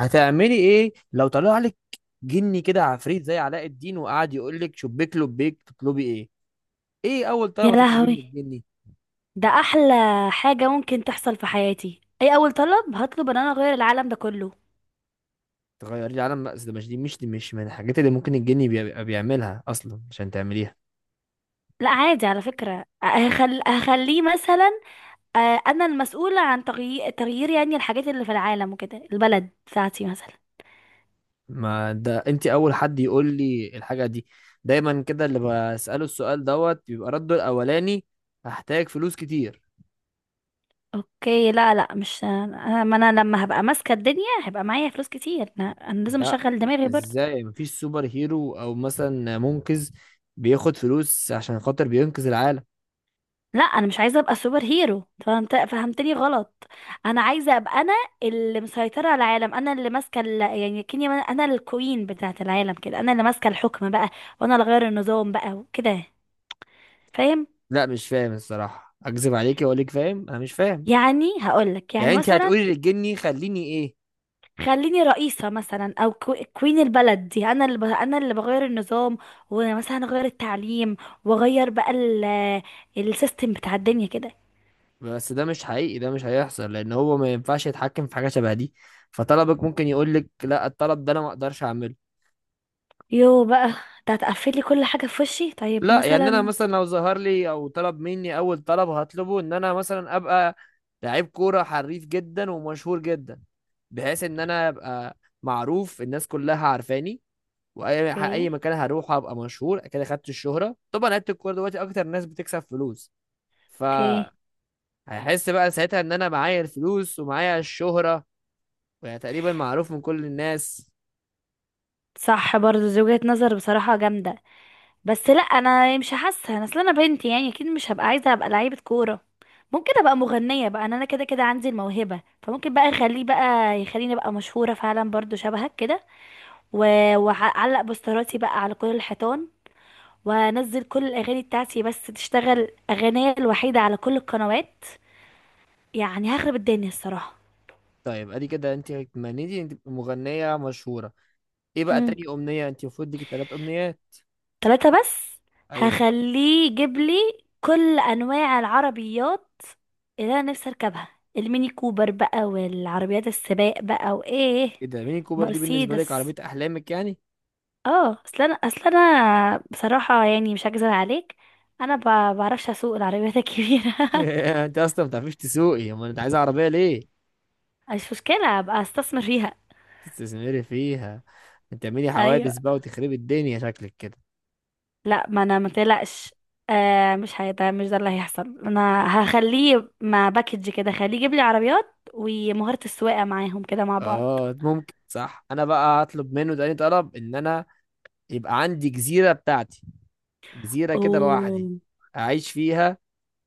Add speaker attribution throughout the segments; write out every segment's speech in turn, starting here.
Speaker 1: هتعملي ايه لو طلع لك جني كده عفريت زي علاء الدين وقعد يقول لك شبيك لبيك تطلبي ايه؟ ايه اول
Speaker 2: يا
Speaker 1: طلب تطلبيه من
Speaker 2: لهوي!
Speaker 1: الجني؟
Speaker 2: ده احلى حاجة ممكن تحصل في حياتي. اي اول طلب هطلب ان انا اغير العالم ده كله.
Speaker 1: تغيري العالم؟ لا أصل ده مش دي مش دي مش من الحاجات اللي ممكن الجني بيبقى بيعملها اصلا عشان تعمليها.
Speaker 2: لا عادي على فكرة، هخليه مثلا. انا المسؤولة عن تغيير يعني الحاجات اللي في العالم وكده، البلد بتاعتي مثلا.
Speaker 1: ما ده انت اول حد يقول لي الحاجه دي. دايما كده اللي بساله السؤال دوت بيبقى رده الاولاني: هحتاج فلوس كتير.
Speaker 2: اوكي. لا، لا، مش انا ما انا لما هبقى ماسكة الدنيا هيبقى معايا فلوس كتير. انا لازم
Speaker 1: لا،
Speaker 2: اشغل دماغي برضه.
Speaker 1: ازاي مفيش سوبر هيرو او مثلا منقذ بياخد فلوس عشان خاطر بينقذ العالم؟
Speaker 2: لا، انا مش عايزه ابقى سوبر هيرو. فهمتني غلط. انا عايزه ابقى انا اللي مسيطره على العالم، انا اللي يعني كني انا الكوين بتاعه العالم كده، انا اللي ماسكه الحكم بقى، وانا اللي غير النظام بقى وكده. فاهم؟
Speaker 1: لا مش فاهم الصراحة، اكذب عليكي واقول لك فاهم؟ انا مش فاهم.
Speaker 2: يعني هقولك
Speaker 1: يعني
Speaker 2: يعني
Speaker 1: انت
Speaker 2: مثلا
Speaker 1: هتقولي للجني خليني ايه؟
Speaker 2: خليني رئيسة مثلا او كوين البلد دي. انا اللي بغير النظام، ومثلا اغير التعليم، واغير بقى السيستم بتاع الدنيا كده.
Speaker 1: بس ده مش حقيقي، ده مش هيحصل لان هو ما ينفعش يتحكم في حاجة شبه دي. فطلبك ممكن يقول لك لا، الطلب ده انا ما اقدرش اعمله.
Speaker 2: يو بقى! ده هتقفلي كل حاجة في وشي. طيب
Speaker 1: لا، يعني انا
Speaker 2: مثلا.
Speaker 1: مثلا لو ظهر لي او طلب مني اول طلب هطلبه ان انا مثلا ابقى لعيب كورة حريف جدا ومشهور جدا، بحيث ان انا ابقى معروف، الناس كلها عارفاني، واي
Speaker 2: اوكي،
Speaker 1: اي مكان هروح ابقى مشهور كده. خدت الشهرة طبعا، لعيبة الكورة دلوقتي اكتر ناس بتكسب فلوس. فهحس
Speaker 2: اوكي.
Speaker 1: بقى ساعتها ان انا معايا الفلوس ومعايا الشهرة، يعني تقريبا معروف من كل الناس.
Speaker 2: صح، برضو دي وجهة نظر بصراحة جامدة، بس لا انا مش حاسة. انا اصل انا بنت، يعني اكيد مش هبقى عايزة ابقى لعيبة كورة. ممكن ابقى مغنية بقى، انا كده كده عندي الموهبة، فممكن بقى اخليه بقى يخليني ابقى مشهورة فعلا برضو شبهك كده. واعلق بوستراتي بقى على كل الحيطان، وانزل كل الاغاني بتاعتي، بس تشتغل اغنية الوحيدة على كل القنوات. يعني هخرب الدنيا الصراحة.
Speaker 1: طيب ادي كده انت اتمنيتي انت تبقي مغنية مشهورة. ايه بقى تاني امنية؟ انت المفروض ليكي تلات امنيات.
Speaker 2: ثلاثة بس؟
Speaker 1: ايوه.
Speaker 2: هخليه يجيب لي كل انواع العربيات اللي انا نفسي اركبها، الميني كوبر بقى، والعربيات السباق بقى، وايه.
Speaker 1: ايه ده؟ ميني كوبر دي بالنسبة لك عربية
Speaker 2: مرسيدس.
Speaker 1: احلامك يعني؟
Speaker 2: اه، اصل انا، اصل انا بصراحة يعني مش هكذب عليك، انا بعرفش اسوق العربيات الكبيرة
Speaker 1: انت اصلا ما بتعرفيش تسوقي، امال انت عايزة عربية ليه؟
Speaker 2: مش مشكلة، ابقى استثمر فيها.
Speaker 1: تستثمري فيها؟ انت تعملي
Speaker 2: ايوه.
Speaker 1: حوادث بقى وتخربي الدنيا شكلك كده.
Speaker 2: لا، ما انا ما تقلقش. آه، مش ده اللي هيحصل. انا هخليه مع باكج كده، خليه يجيب لي عربيات ومهارة السواقة معاهم كده مع بعض.
Speaker 1: اه، ممكن صح. انا بقى هطلب منه تاني طلب ان انا يبقى عندي جزيرة بتاعتي، جزيرة كده
Speaker 2: اوه.
Speaker 1: لوحدي أعيش فيها.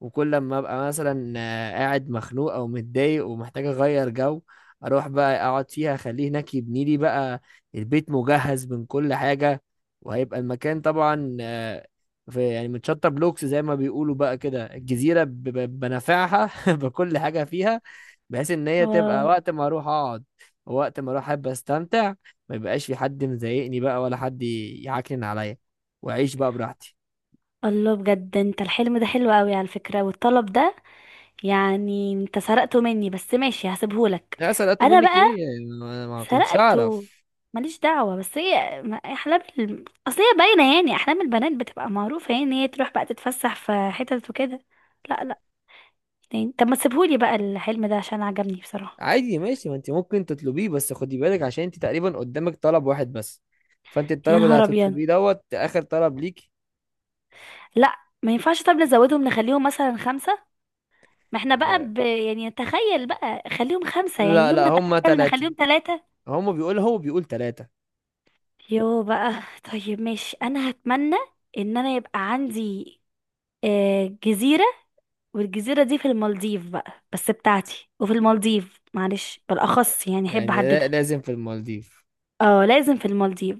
Speaker 1: وكل لما أبقى مثلا قاعد مخنوق أو متضايق ومحتاج أغير جو أروح بقى أقعد فيها. أخليه هناك يبني لي بقى البيت مجهز من كل حاجة. وهيبقى المكان طبعا في يعني متشطب بلوكس زي ما بيقولوا بقى كده. الجزيرة بنافعها بكل حاجة فيها، بحيث إن هي
Speaker 2: واو.
Speaker 1: تبقى وقت ما أروح أقعد ووقت ما أروح أحب أستمتع. ما يبقاش في حد مضايقني بقى ولا حد يعكنن عليا، وأعيش بقى براحتي.
Speaker 2: الله! بجد انت الحلم ده حلو قوي على فكرة، والطلب ده يعني انت سرقته مني، بس ماشي هسيبهولك.
Speaker 1: لا سرقته
Speaker 2: انا
Speaker 1: منك
Speaker 2: بقى
Speaker 1: ايه، انا ما كنتش
Speaker 2: سرقته،
Speaker 1: اعرف.
Speaker 2: ماليش دعوة. بس هي احلام اصل هي باينة، يعني احلام البنات بتبقى معروفة، يعني هي تروح بقى تتفسح في حتت وكده. لا، لا. تاني؟ طب ما تسيبهولي بقى الحلم ده عشان عجبني بصراحة.
Speaker 1: عادي ماشي، ما انت ممكن تطلبيه. بس خدي بالك عشان انت تقريبا قدامك طلب واحد بس. فانت
Speaker 2: يا
Speaker 1: الطلب اللي
Speaker 2: نهار ابيض!
Speaker 1: هتطلبيه دوت اخر طلب ليك.
Speaker 2: لا، ما ينفعش. طب نزودهم، نخليهم مثلا خمسة. ما احنا بقى
Speaker 1: لا.
Speaker 2: يعني تخيل بقى خليهم خمسة، يعني
Speaker 1: لا,
Speaker 2: يوم
Speaker 1: لا
Speaker 2: ما
Speaker 1: هما
Speaker 2: نتخيل
Speaker 1: ثلاثة.
Speaker 2: نخليهم ثلاثة.
Speaker 1: هما بيقول، هو بيقول ثلاثة.
Speaker 2: يو بقى! طيب ماشي، انا هتمنى ان انا يبقى عندي جزيرة. والجزيرة دي في المالديف بقى، بس بتاعتي، وفي المالديف معلش بالاخص، يعني احب
Speaker 1: يعني لا-
Speaker 2: احددها.
Speaker 1: لازم في المالديف.
Speaker 2: اه، لازم في المالديف.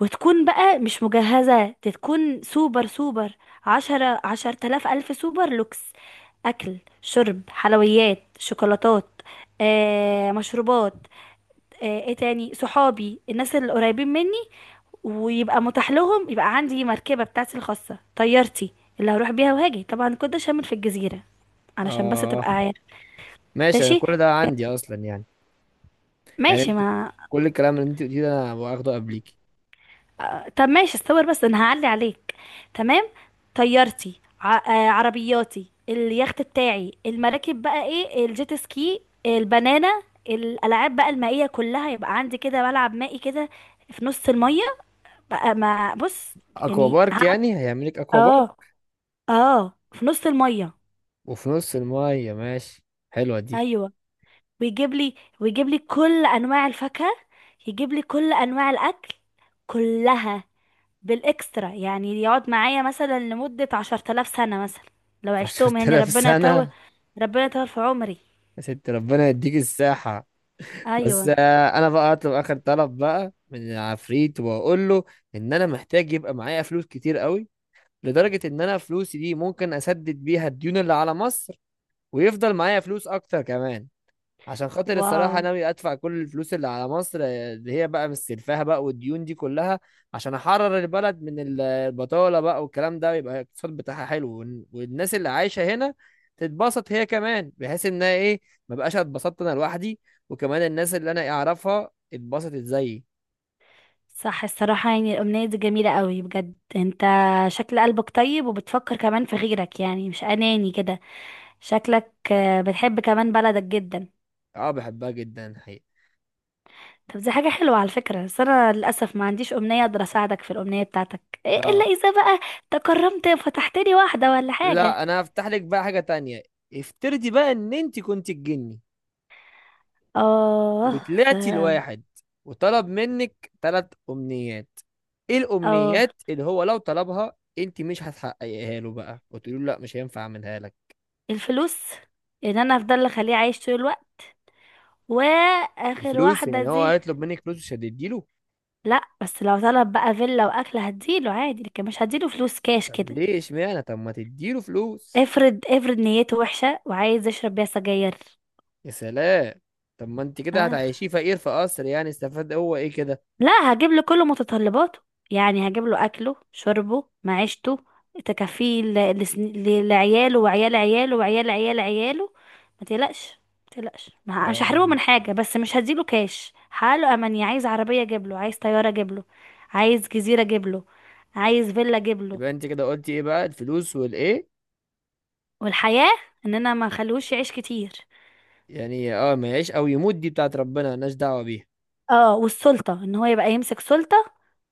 Speaker 2: وتكون بقى مش مجهزة، تكون سوبر سوبر. عشرة 10,000 ألف سوبر لوكس. أكل، شرب، حلويات، شوكولاتات، مشروبات، ايه تاني، صحابي، الناس اللي قريبين مني. ويبقى متاح لهم، يبقى عندي مركبة بتاعتي الخاصة، طيارتي اللي هروح بيها وهاجي. طبعا كنت شامل في الجزيرة، علشان بس
Speaker 1: اه
Speaker 2: تبقى عارف.
Speaker 1: ماشي، انا
Speaker 2: ماشي.
Speaker 1: كل ده عندي اصلا يعني. يعني
Speaker 2: ماشي
Speaker 1: انت
Speaker 2: ما
Speaker 1: كل الكلام اللي انت قلتيه ده انا واخده قبليك.
Speaker 2: طب ماشي، استور، بس انا هعلي عليك. تمام. طيارتي، عربياتي، اليخت بتاعي، المراكب بقى، ايه، الجيت سكي، البنانة، الالعاب بقى المائية كلها، يبقى عندي كده ملعب مائي كده في نص المية بقى. ما بص،
Speaker 1: اكوا
Speaker 2: يعني
Speaker 1: بارك
Speaker 2: هعمل
Speaker 1: يعني؟ هيعملك اكوا بارك
Speaker 2: اه. اه، في نص المية.
Speaker 1: وفي نص المية؟ ماشي، حلوة دي.
Speaker 2: ايوه. ويجيب لي، ويجيب لي كل انواع الفاكهة، يجيب لي كل انواع الاكل كلها بالاكسترا، يعني يقعد معايا مثلا لمدة 10,000 سنة مثلا، لو عشتهم، يعني
Speaker 1: 10,000
Speaker 2: ربنا يطول.
Speaker 1: سنة؟
Speaker 2: ربنا يطول في عمري.
Speaker 1: يا ست ربنا يديك الساحة. بس
Speaker 2: ايوه.
Speaker 1: انا بقى اطلب اخر طلب بقى من العفريت واقول له ان انا محتاج يبقى معايا فلوس كتير قوي، لدرجة ان انا فلوسي دي ممكن اسدد بيها الديون اللي على مصر، ويفضل معايا فلوس اكتر كمان. عشان خاطر
Speaker 2: واو.
Speaker 1: الصراحة ناوي أدفع كل الفلوس اللي على مصر، اللي هي بقى مستلفاها بقى والديون دي كلها، عشان أحرر البلد من البطالة بقى والكلام ده، ويبقى الاقتصاد بتاعها حلو والناس اللي عايشة هنا تتبسط هي كمان، بحيث إنها إيه، ما بقاش اتبسطت أنا لوحدي، وكمان الناس اللي أنا أعرفها اتبسطت زيي.
Speaker 2: صح، الصراحة يعني الأمنية دي جميلة قوي بجد، انت شكل قلبك طيب، وبتفكر كمان في غيرك، يعني مش أناني كده. شكلك بتحب كمان بلدك جدا.
Speaker 1: أه بحبها جدا حقيقة.
Speaker 2: طب دي حاجة حلوة على فكرة، بس أنا للأسف ما عنديش أمنية أقدر أساعدك في الأمنية بتاعتك. إيه
Speaker 1: لا.
Speaker 2: إلا إذا بقى تكرمت فتحت لي واحدة ولا حاجة.
Speaker 1: لا أنا هفتح لك بقى حاجة تانية. افترضي بقى إن أنت كنت الجني
Speaker 2: آه. ده.
Speaker 1: وطلعتي لواحد وطلب منك تلات امنيات. ايه
Speaker 2: اه.
Speaker 1: الامنيات اللي هو لو طلبها انت مش هتحققيها له بقى وتقولي له لا مش هينفع اعملها لك؟
Speaker 2: الفلوس. ان انا افضل اخليه عايش طول الوقت. واخر
Speaker 1: الفلوس؟
Speaker 2: واحده
Speaker 1: يعني هو
Speaker 2: دي.
Speaker 1: هيطلب منك فلوس مش هتديله؟
Speaker 2: لا، بس لو طلب بقى فيلا واكل هديله عادي، لكن مش هديله فلوس كاش
Speaker 1: طب
Speaker 2: كده.
Speaker 1: ليه؟ اشمعنى؟ طب ما تديله فلوس.
Speaker 2: افرض نيته وحشه وعايز يشرب بيها سجاير.
Speaker 1: يا سلام. طب ما انت كده
Speaker 2: اه.
Speaker 1: هتعيشيه فقير في قصر، يعني استفاد هو ايه كده؟
Speaker 2: لا، هجيب له كل متطلباته، يعني هجيب له اكله، شربه، معيشته، تكفيه لعياله وعيال عياله وعيال عيال عياله. ما تقلقش، ما تقلقش. مش هحرمه من
Speaker 1: اه.
Speaker 2: حاجه، بس مش هديله كاش. حاله اماني، عايز عربيه اجيب له، عايز طياره اجيب له، عايز جزيره اجيب له، عايز فيلا اجيب له.
Speaker 1: يبقى انت كده قلتي ايه بقى؟ الفلوس والايه؟
Speaker 2: والحياه، ان انا ما اخليهوش يعيش كتير.
Speaker 1: يعني اه، ما يعيش او يموت دي بتاعت ربنا، مالناش دعوة بيها.
Speaker 2: اه، والسلطه، ان هو يبقى يمسك سلطه،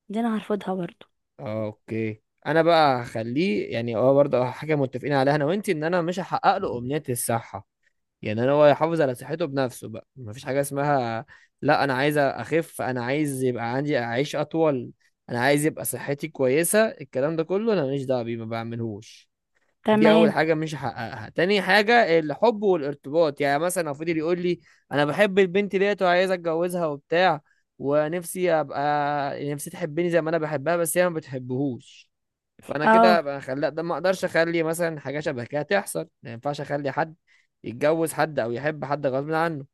Speaker 2: دي انا هرفضها برضه.
Speaker 1: اه اوكي. انا بقى هخليه يعني اه برضه حاجه متفقين عليها انا وانتي، ان انا مش هحقق له امنيه الصحه. يعني انا هو يحافظ على صحته بنفسه بقى. مفيش حاجه اسمها لا انا عايز اخف، انا عايز يبقى عندي اعيش اطول، انا عايز يبقى صحتي كويسه. الكلام ده كله انا ماليش دعوه بيه، ما بعملهوش. دي اول
Speaker 2: تمام.
Speaker 1: حاجه مش هحققها. تاني حاجه: الحب والارتباط. يعني مثلا لو فضل يقول لي انا بحب البنت ديت وعايز اتجوزها وبتاع، ونفسي ابقى، نفسي تحبني زي ما انا بحبها بس هي ما بتحبهوش. فانا كده
Speaker 2: اه
Speaker 1: ابقى خلا ده، ما اقدرش اخلي مثلا حاجه شبه كده تحصل. ما ينفعش اخلي حد يتجوز حد او يحب حد غصب عنه.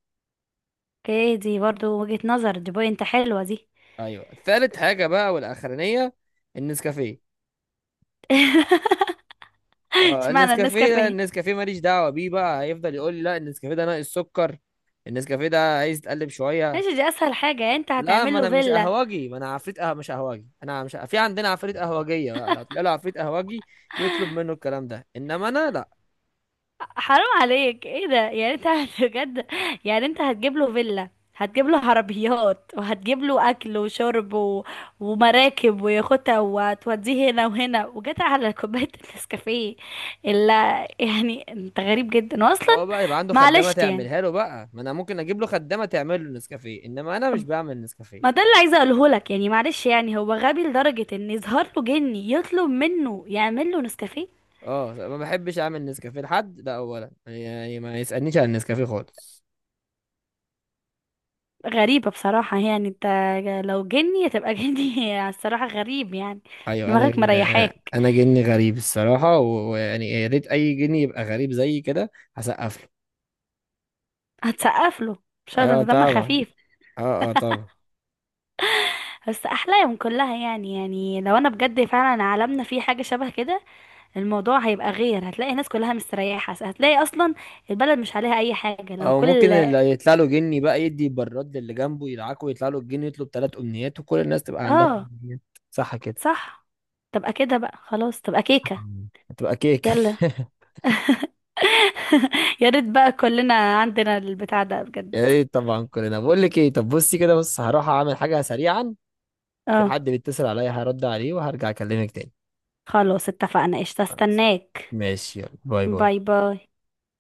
Speaker 2: اوكي، دي برضو وجهة نظر، دي بوينت حلوة دي.
Speaker 1: ايوه ثالث حاجه بقى والاخرانيه: النسكافيه. اه
Speaker 2: اشمعنى
Speaker 1: النسكافيه ده،
Speaker 2: النسكافيه؟
Speaker 1: النسكافيه ماليش دعوه بيه بقى. هيفضل يقول لي لا النسكافيه ده ناقص سكر، النسكافيه ده عايز تقلب شويه.
Speaker 2: ماشي، دي اسهل حاجة. يعني انت
Speaker 1: لا، ما
Speaker 2: هتعمل له
Speaker 1: انا مش
Speaker 2: فيلا؟
Speaker 1: قهوجي، ما انا عفريت قهوه مش قهوجي. انا مش في عندنا عفريت قهوجيه بقى؟ لو تلاقي له عفريت قهوجي يطلب منه الكلام ده، انما انا لا.
Speaker 2: حرام عليك، ايه ده! يعني انت بجد، يعني انت هتجيب له فيلا، هتجيب له عربيات، وهتجيب له اكل وشرب و... ومراكب ويخوتة، وتوديه هنا وهنا، وجت على كوباية النسكافيه؟ الا يعني انت غريب جدا،
Speaker 1: ما
Speaker 2: واصلا
Speaker 1: هو بقى يبقى عنده خدامه
Speaker 2: معلش يعني.
Speaker 1: تعملها له بقى، ما انا ممكن اجيب له خدامه تعمل له نسكافيه، انما انا مش بعمل نسكافيه.
Speaker 2: ما ده اللي عايزه اقوله لك، يعني معلش يعني هو غبي لدرجه ان يظهر له جني يطلب منه يعمل له نسكافيه.
Speaker 1: اه ما بحبش اعمل نسكافيه لحد ده اولا. يعني ما يسالنيش عن النسكافيه خالص.
Speaker 2: غريبه بصراحه، يعني انت لو جني هتبقى جني الصراحه غريب يعني.
Speaker 1: ايوه. انا
Speaker 2: دماغك مريحاك.
Speaker 1: انا جني غريب الصراحه ويعني يا ريت اي جني يبقى غريب زي كده. هسقف له.
Speaker 2: هتسقف له؟ مش هذا،
Speaker 1: ايوه
Speaker 2: انت دمك
Speaker 1: طبعا.
Speaker 2: خفيف.
Speaker 1: اه اه طبعا.
Speaker 2: بس احلاهم كلها، يعني لو انا بجد فعلا عالمنا فيه حاجه شبه كده، الموضوع هيبقى غير، هتلاقي الناس كلها مستريحه، هتلاقي اصلا البلد مش عليها اي حاجه لو
Speaker 1: او ممكن
Speaker 2: كل.
Speaker 1: اللي يطلع له جني بقى يدي براد للي جنبه يدعكه ويطلع له الجني، يطلب ثلاث امنيات وكل الناس تبقى عندها
Speaker 2: اه.
Speaker 1: امنيات. صح كده؟
Speaker 2: صح. تبقى كده بقى، خلاص تبقى كيكه.
Speaker 1: هتبقى كيكه.
Speaker 2: يلا. يا ريت بقى كلنا عندنا البتاع ده بجد.
Speaker 1: يا ريت طبعا كلنا. بقول لك ايه طب، بصي كده، بص هروح اعمل حاجه سريعا. في
Speaker 2: اه.
Speaker 1: حد بيتصل عليا هرد عليه وهرجع اكلمك تاني.
Speaker 2: خلاص اتفقنا، قشطة، استناك.
Speaker 1: ماشي يلا، باي باي.
Speaker 2: باي باي.